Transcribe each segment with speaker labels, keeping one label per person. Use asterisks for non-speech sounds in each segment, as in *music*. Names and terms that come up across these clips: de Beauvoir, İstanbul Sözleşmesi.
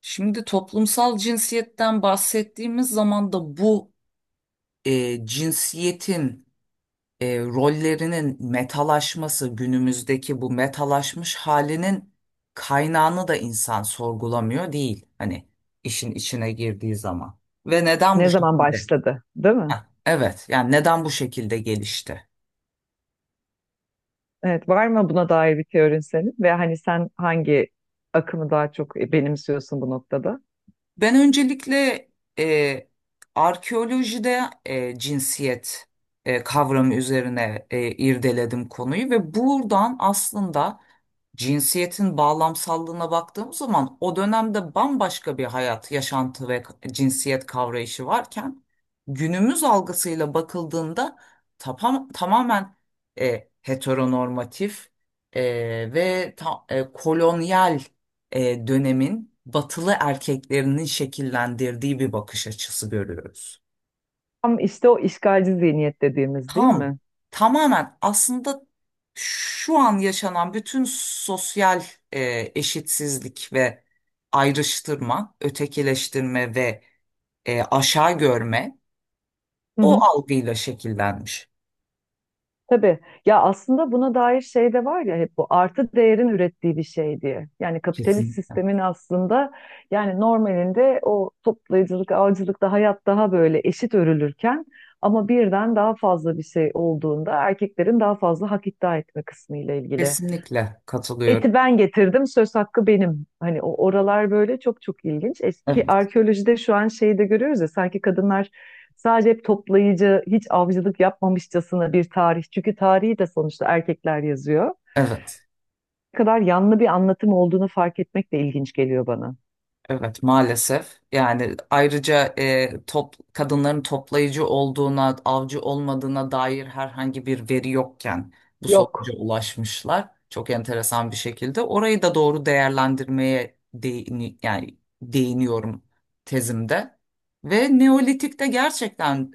Speaker 1: Şimdi toplumsal cinsiyetten bahsettiğimiz zaman da bu cinsiyetin rollerinin metalaşması, günümüzdeki bu metalaşmış halinin kaynağını da insan sorgulamıyor değil. Hani işin içine girdiği zaman. Ve neden bu
Speaker 2: Ne zaman
Speaker 1: şekilde?
Speaker 2: başladı, değil
Speaker 1: Heh,
Speaker 2: mi?
Speaker 1: evet, yani neden bu şekilde gelişti?
Speaker 2: Evet, var mı buna dair bir teorin senin? Ve hani sen hangi akımı daha çok benimsiyorsun bu noktada?
Speaker 1: Ben öncelikle e, arkeolojide cinsiyet kavramı üzerine irdeledim konuyu ve buradan aslında cinsiyetin bağlamsallığına baktığımız zaman o dönemde bambaşka bir hayat, yaşantı ve cinsiyet kavrayışı varken günümüz algısıyla bakıldığında tamamen heteronormatif e, ve kolonyal dönemin batılı erkeklerinin şekillendirdiği bir bakış açısı görüyoruz.
Speaker 2: Tam işte o işgalci zihniyet dediğimiz değil
Speaker 1: Tam,
Speaker 2: mi?
Speaker 1: tamamen aslında şu an yaşanan bütün sosyal eşitsizlik ve ayrıştırma, ötekileştirme ve aşağı görme
Speaker 2: Hı
Speaker 1: o
Speaker 2: hı.
Speaker 1: algıyla şekillenmiş.
Speaker 2: Tabii. Ya aslında buna dair şey de var ya, hep bu artı değerin ürettiği bir şey diye. Yani kapitalist
Speaker 1: Kesinlikle.
Speaker 2: sistemin aslında, yani normalinde o toplayıcılık, avcılıkta hayat daha böyle eşit örülürken ama birden daha fazla bir şey olduğunda erkeklerin daha fazla hak iddia etme kısmı ile ilgili.
Speaker 1: Kesinlikle katılıyorum.
Speaker 2: Eti ben getirdim, söz hakkı benim. Hani o oralar böyle çok çok ilginç. Eski
Speaker 1: Evet,
Speaker 2: arkeolojide şu an şeyi de görüyoruz ya, sanki kadınlar sadece hep toplayıcı, hiç avcılık yapmamışçasına bir tarih. Çünkü tarihi de sonuçta erkekler yazıyor.
Speaker 1: evet.
Speaker 2: Ne kadar yanlı bir anlatım olduğunu fark etmek de ilginç geliyor bana.
Speaker 1: Evet maalesef yani ayrıca kadınların toplayıcı olduğuna avcı olmadığına dair herhangi bir veri yokken bu sonuca
Speaker 2: Yok.
Speaker 1: ulaşmışlar çok enteresan bir şekilde orayı da doğru değerlendirmeye yani değiniyorum tezimde ve Neolitik'te gerçekten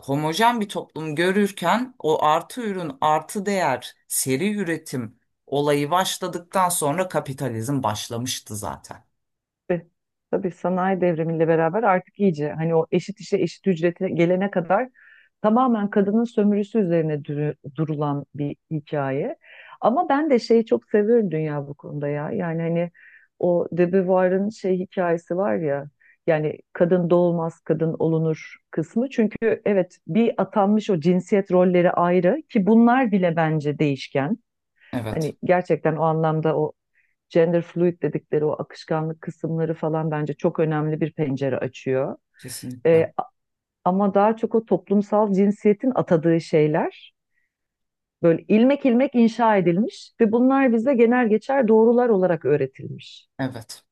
Speaker 1: homojen bir toplum görürken o artı ürün, artı değer, seri üretim olayı başladıktan sonra kapitalizm başlamıştı zaten.
Speaker 2: Ve tabii sanayi devrimiyle beraber artık iyice, hani o eşit işe eşit ücrete gelene kadar tamamen kadının sömürüsü üzerine durulan bir hikaye. Ama ben de şeyi çok seviyorum dünya bu konuda ya. Yani hani o de Beauvoir'ın şey hikayesi var ya. Yani kadın doğulmaz, kadın olunur kısmı. Çünkü evet, bir atanmış o cinsiyet rolleri ayrı, ki bunlar bile bence değişken.
Speaker 1: Evet,
Speaker 2: Hani gerçekten o anlamda o gender fluid dedikleri o akışkanlık kısımları falan bence çok önemli bir pencere açıyor.
Speaker 1: kesinlikle.
Speaker 2: Ee, ama daha çok o toplumsal cinsiyetin atadığı şeyler böyle ilmek ilmek inşa edilmiş ve bunlar bize genel geçer doğrular olarak öğretilmiş.
Speaker 1: Evet.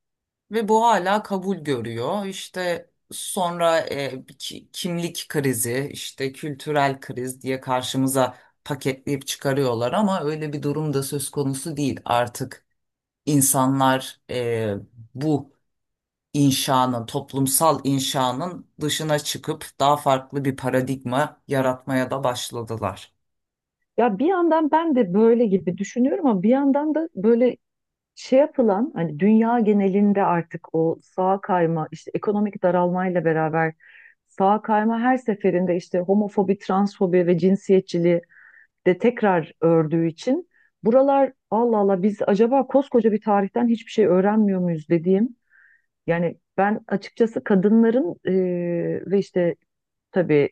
Speaker 1: Ve bu hala kabul görüyor. İşte sonra kimlik krizi, işte kültürel kriz diye karşımıza paketleyip çıkarıyorlar ama öyle bir durum da söz konusu değil. Artık insanlar bu inşanın, toplumsal inşanın dışına çıkıp daha farklı bir paradigma yaratmaya da başladılar.
Speaker 2: Ya bir yandan ben de böyle gibi düşünüyorum ama bir yandan da böyle şey yapılan, hani dünya genelinde artık o sağa kayma, işte ekonomik daralmayla beraber sağa kayma her seferinde işte homofobi, transfobi ve cinsiyetçiliği de tekrar ördüğü için buralar, Allah Allah, biz acaba koskoca bir tarihten hiçbir şey öğrenmiyor muyuz dediğim, yani ben açıkçası kadınların ve işte tabii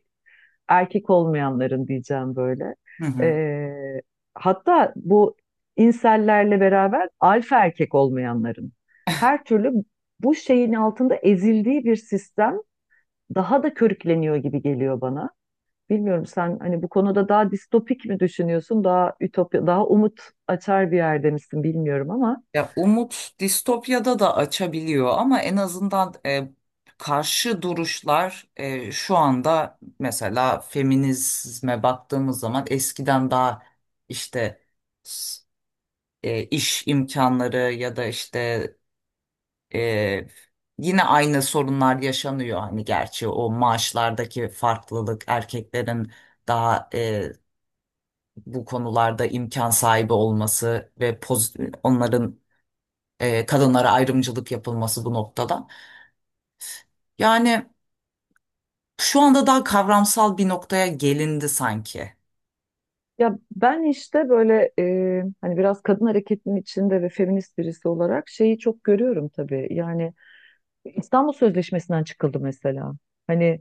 Speaker 2: erkek olmayanların diyeceğim böyle.
Speaker 1: Hı hı.
Speaker 2: Ee, hatta bu insellerle beraber alfa erkek olmayanların her türlü bu şeyin altında ezildiği bir sistem daha da körükleniyor gibi geliyor bana. Bilmiyorum, sen hani bu konuda daha distopik mi düşünüyorsun, daha ütopya, daha umut açar bir yerde misin bilmiyorum ama
Speaker 1: Ya umut distopyada da açabiliyor ama en azından karşı duruşlar şu anda mesela feminizme baktığımız zaman eskiden daha işte s- iş imkanları ya da işte e, yine aynı sorunlar yaşanıyor. Hani gerçi o maaşlardaki farklılık erkeklerin daha bu konularda imkan sahibi olması ve onların kadınlara ayrımcılık yapılması bu noktada. Yani şu anda daha kavramsal bir noktaya gelindi sanki.
Speaker 2: ya ben işte böyle hani biraz kadın hareketinin içinde ve feminist birisi olarak şeyi çok görüyorum tabii. Yani İstanbul Sözleşmesi'nden çıkıldı mesela. Hani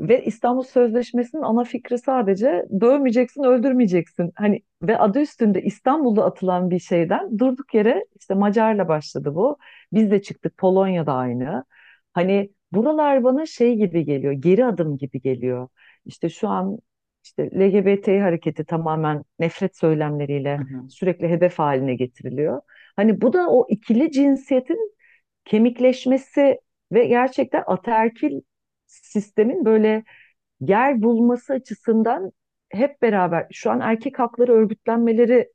Speaker 2: ve İstanbul Sözleşmesi'nin ana fikri sadece dövmeyeceksin, öldürmeyeceksin. Hani ve adı üstünde İstanbul'da atılan bir şeyden durduk yere işte Macar'la başladı bu. Biz de çıktık, Polonya'da aynı. Hani buralar bana şey gibi geliyor, geri adım gibi geliyor. İşte şu an işte LGBT hareketi tamamen nefret söylemleriyle
Speaker 1: Hı hı.
Speaker 2: sürekli hedef haline getiriliyor. Hani bu da o ikili cinsiyetin kemikleşmesi ve gerçekten ataerkil sistemin böyle yer bulması açısından hep beraber şu an erkek hakları örgütlenmeleri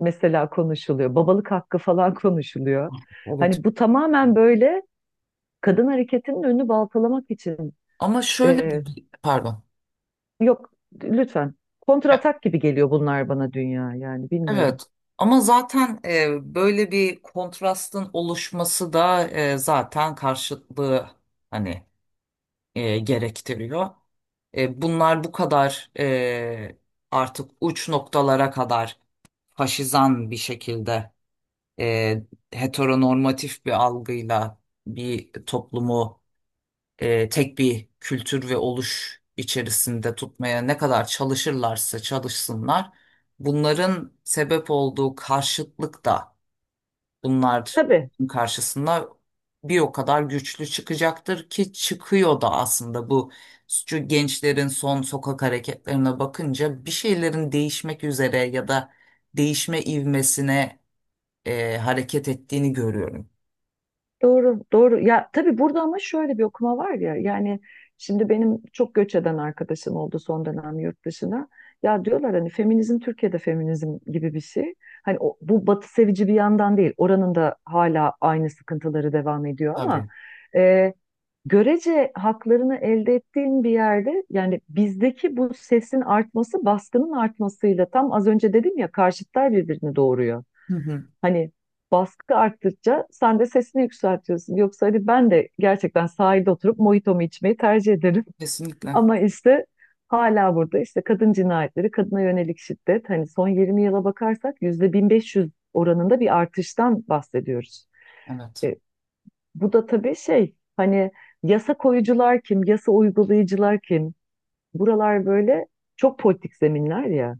Speaker 2: mesela konuşuluyor. Babalık hakkı falan *laughs* konuşuluyor.
Speaker 1: Evet.
Speaker 2: Hani bu tamamen böyle kadın hareketinin önünü baltalamak için
Speaker 1: Ama şöyle
Speaker 2: e,
Speaker 1: de bir, pardon.
Speaker 2: yok, lütfen, kontratak gibi geliyor bunlar bana dünya, yani bilmiyorum.
Speaker 1: Evet. Ama zaten böyle bir kontrastın oluşması da zaten karşıtlığı hani gerektiriyor. Bunlar bu kadar artık uç noktalara kadar faşizan bir şekilde e, heteronormatif bir algıyla bir toplumu tek bir kültür ve oluş içerisinde tutmaya ne kadar çalışırlarsa çalışsınlar, bunların sebep olduğu karşıtlık da bunlar
Speaker 2: Tabii.
Speaker 1: karşısında bir o kadar güçlü çıkacaktır ki çıkıyor da aslında bu şu gençlerin son sokak hareketlerine bakınca bir şeylerin değişmek üzere ya da değişme ivmesine hareket ettiğini görüyorum.
Speaker 2: Doğru, doğru. Ya tabii burada ama şöyle bir okuma var ya. Yani şimdi benim çok göç eden arkadaşım oldu son dönem yurt dışına. Ya diyorlar hani feminizm Türkiye'de feminizm gibi bir şey. Hani o- bu batı sevici bir yandan değil. Oranın da hala aynı sıkıntıları devam ediyor ama
Speaker 1: Tabii.
Speaker 2: e, görece haklarını elde ettiğin bir yerde, yani bizdeki bu sesin artması baskının artmasıyla, tam az önce dedim ya, karşıtlar birbirini doğuruyor.
Speaker 1: Hı hı.
Speaker 2: Hani baskı arttıkça sen de sesini yükseltiyorsun. Yoksa hadi ben de gerçekten sahilde oturup mojitomu içmeyi tercih ederim. *laughs*
Speaker 1: Kesinlikle.
Speaker 2: Ama işte hala burada işte kadın cinayetleri, kadına yönelik şiddet, hani son 20 yıla bakarsak yüzde 1500 oranında bir artıştan bahsediyoruz.
Speaker 1: Evet.
Speaker 2: E, bu da tabii şey, hani yasa koyucular kim, yasa uygulayıcılar kim? Buralar böyle çok politik zeminler ya.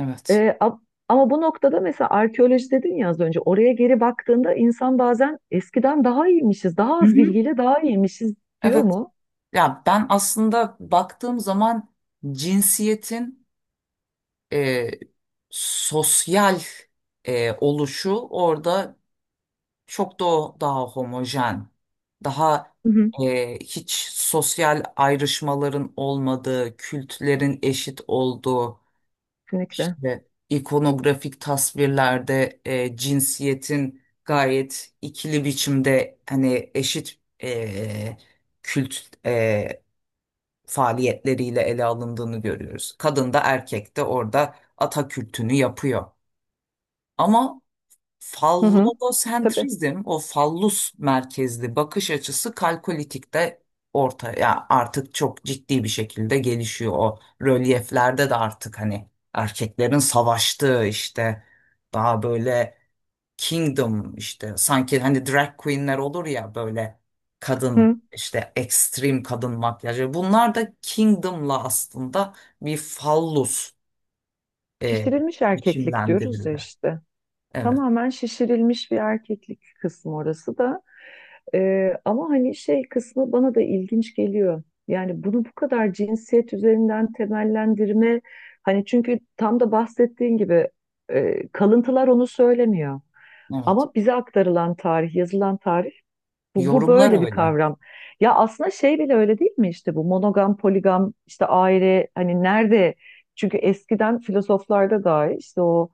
Speaker 1: Evet.
Speaker 2: Ee, a- ama bu noktada mesela arkeoloji dedin ya az önce, oraya geri baktığında insan bazen eskiden daha iyiymişiz, daha
Speaker 1: Hı
Speaker 2: az
Speaker 1: hı.
Speaker 2: bilgiyle daha iyiymişiz diyor
Speaker 1: Evet.
Speaker 2: mu?
Speaker 1: Ya ben aslında baktığım zaman cinsiyetin e, sosyal oluşu orada çok da daha homojen, daha
Speaker 2: Hı hı.
Speaker 1: hiç sosyal ayrışmaların olmadığı, kültlerin eşit olduğu,
Speaker 2: Kesinlikle.
Speaker 1: İşte ikonografik tasvirlerde cinsiyetin gayet ikili biçimde hani eşit kült e, faaliyetleriyle ele alındığını görüyoruz. Kadın da erkek de orada ata kültünü yapıyor. Ama
Speaker 2: Hı hı. Tabii.
Speaker 1: Fallosentrizm, o fallus merkezli bakış açısı kalkolitikte ortaya artık çok ciddi bir şekilde gelişiyor. O rölyeflerde de artık hani erkeklerin savaştığı işte daha böyle kingdom işte sanki hani drag queenler olur ya böyle kadın
Speaker 2: Hı.
Speaker 1: işte ekstrem kadın makyajı bunlar da kingdom'la aslında bir fallus e,
Speaker 2: Şişirilmiş erkeklik diyoruz ya
Speaker 1: biçimlendirildi.
Speaker 2: işte.
Speaker 1: Evet.
Speaker 2: Tamamen şişirilmiş bir erkeklik kısmı orası da. Ama hani şey kısmı bana da ilginç geliyor. Yani bunu bu kadar cinsiyet üzerinden temellendirme, hani çünkü tam da bahsettiğin gibi kalıntılar onu söylemiyor.
Speaker 1: Evet.
Speaker 2: Ama bize aktarılan tarih, yazılan tarih bu
Speaker 1: Yorumlar
Speaker 2: böyle bir
Speaker 1: öyle.
Speaker 2: kavram. Ya aslında şey bile öyle değil mi, işte bu monogam, poligam, işte aile hani nerede? Çünkü eskiden filozoflarda dahi işte o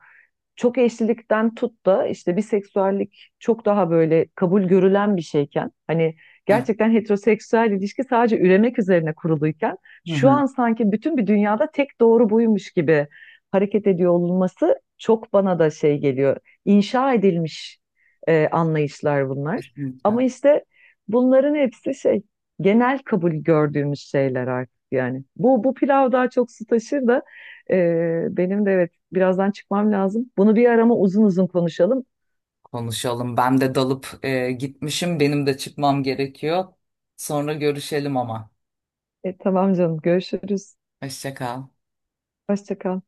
Speaker 2: çok eşlilikten tut da işte biseksüellik çok daha böyle kabul görülen bir şeyken, hani
Speaker 1: Evet.
Speaker 2: gerçekten heteroseksüel ilişki sadece üremek üzerine kuruluyken
Speaker 1: Hı
Speaker 2: şu
Speaker 1: hı.
Speaker 2: an sanki bütün bir dünyada tek doğru buymuş gibi hareket ediyor olması çok bana da şey geliyor. İnşa edilmiş anlayışlar bunlar. Ama
Speaker 1: Kesinlikle.
Speaker 2: işte bunların hepsi şey, genel kabul gördüğümüz şeyler artık yani. Bu pilav daha çok su taşır da e, benim de evet, birazdan çıkmam lazım. Bunu bir arama uzun uzun konuşalım.
Speaker 1: Konuşalım. Ben de dalıp gitmişim. Benim de çıkmam gerekiyor. Sonra görüşelim ama.
Speaker 2: Tamam canım, görüşürüz.
Speaker 1: Hoşça kal.
Speaker 2: Hoşça kal.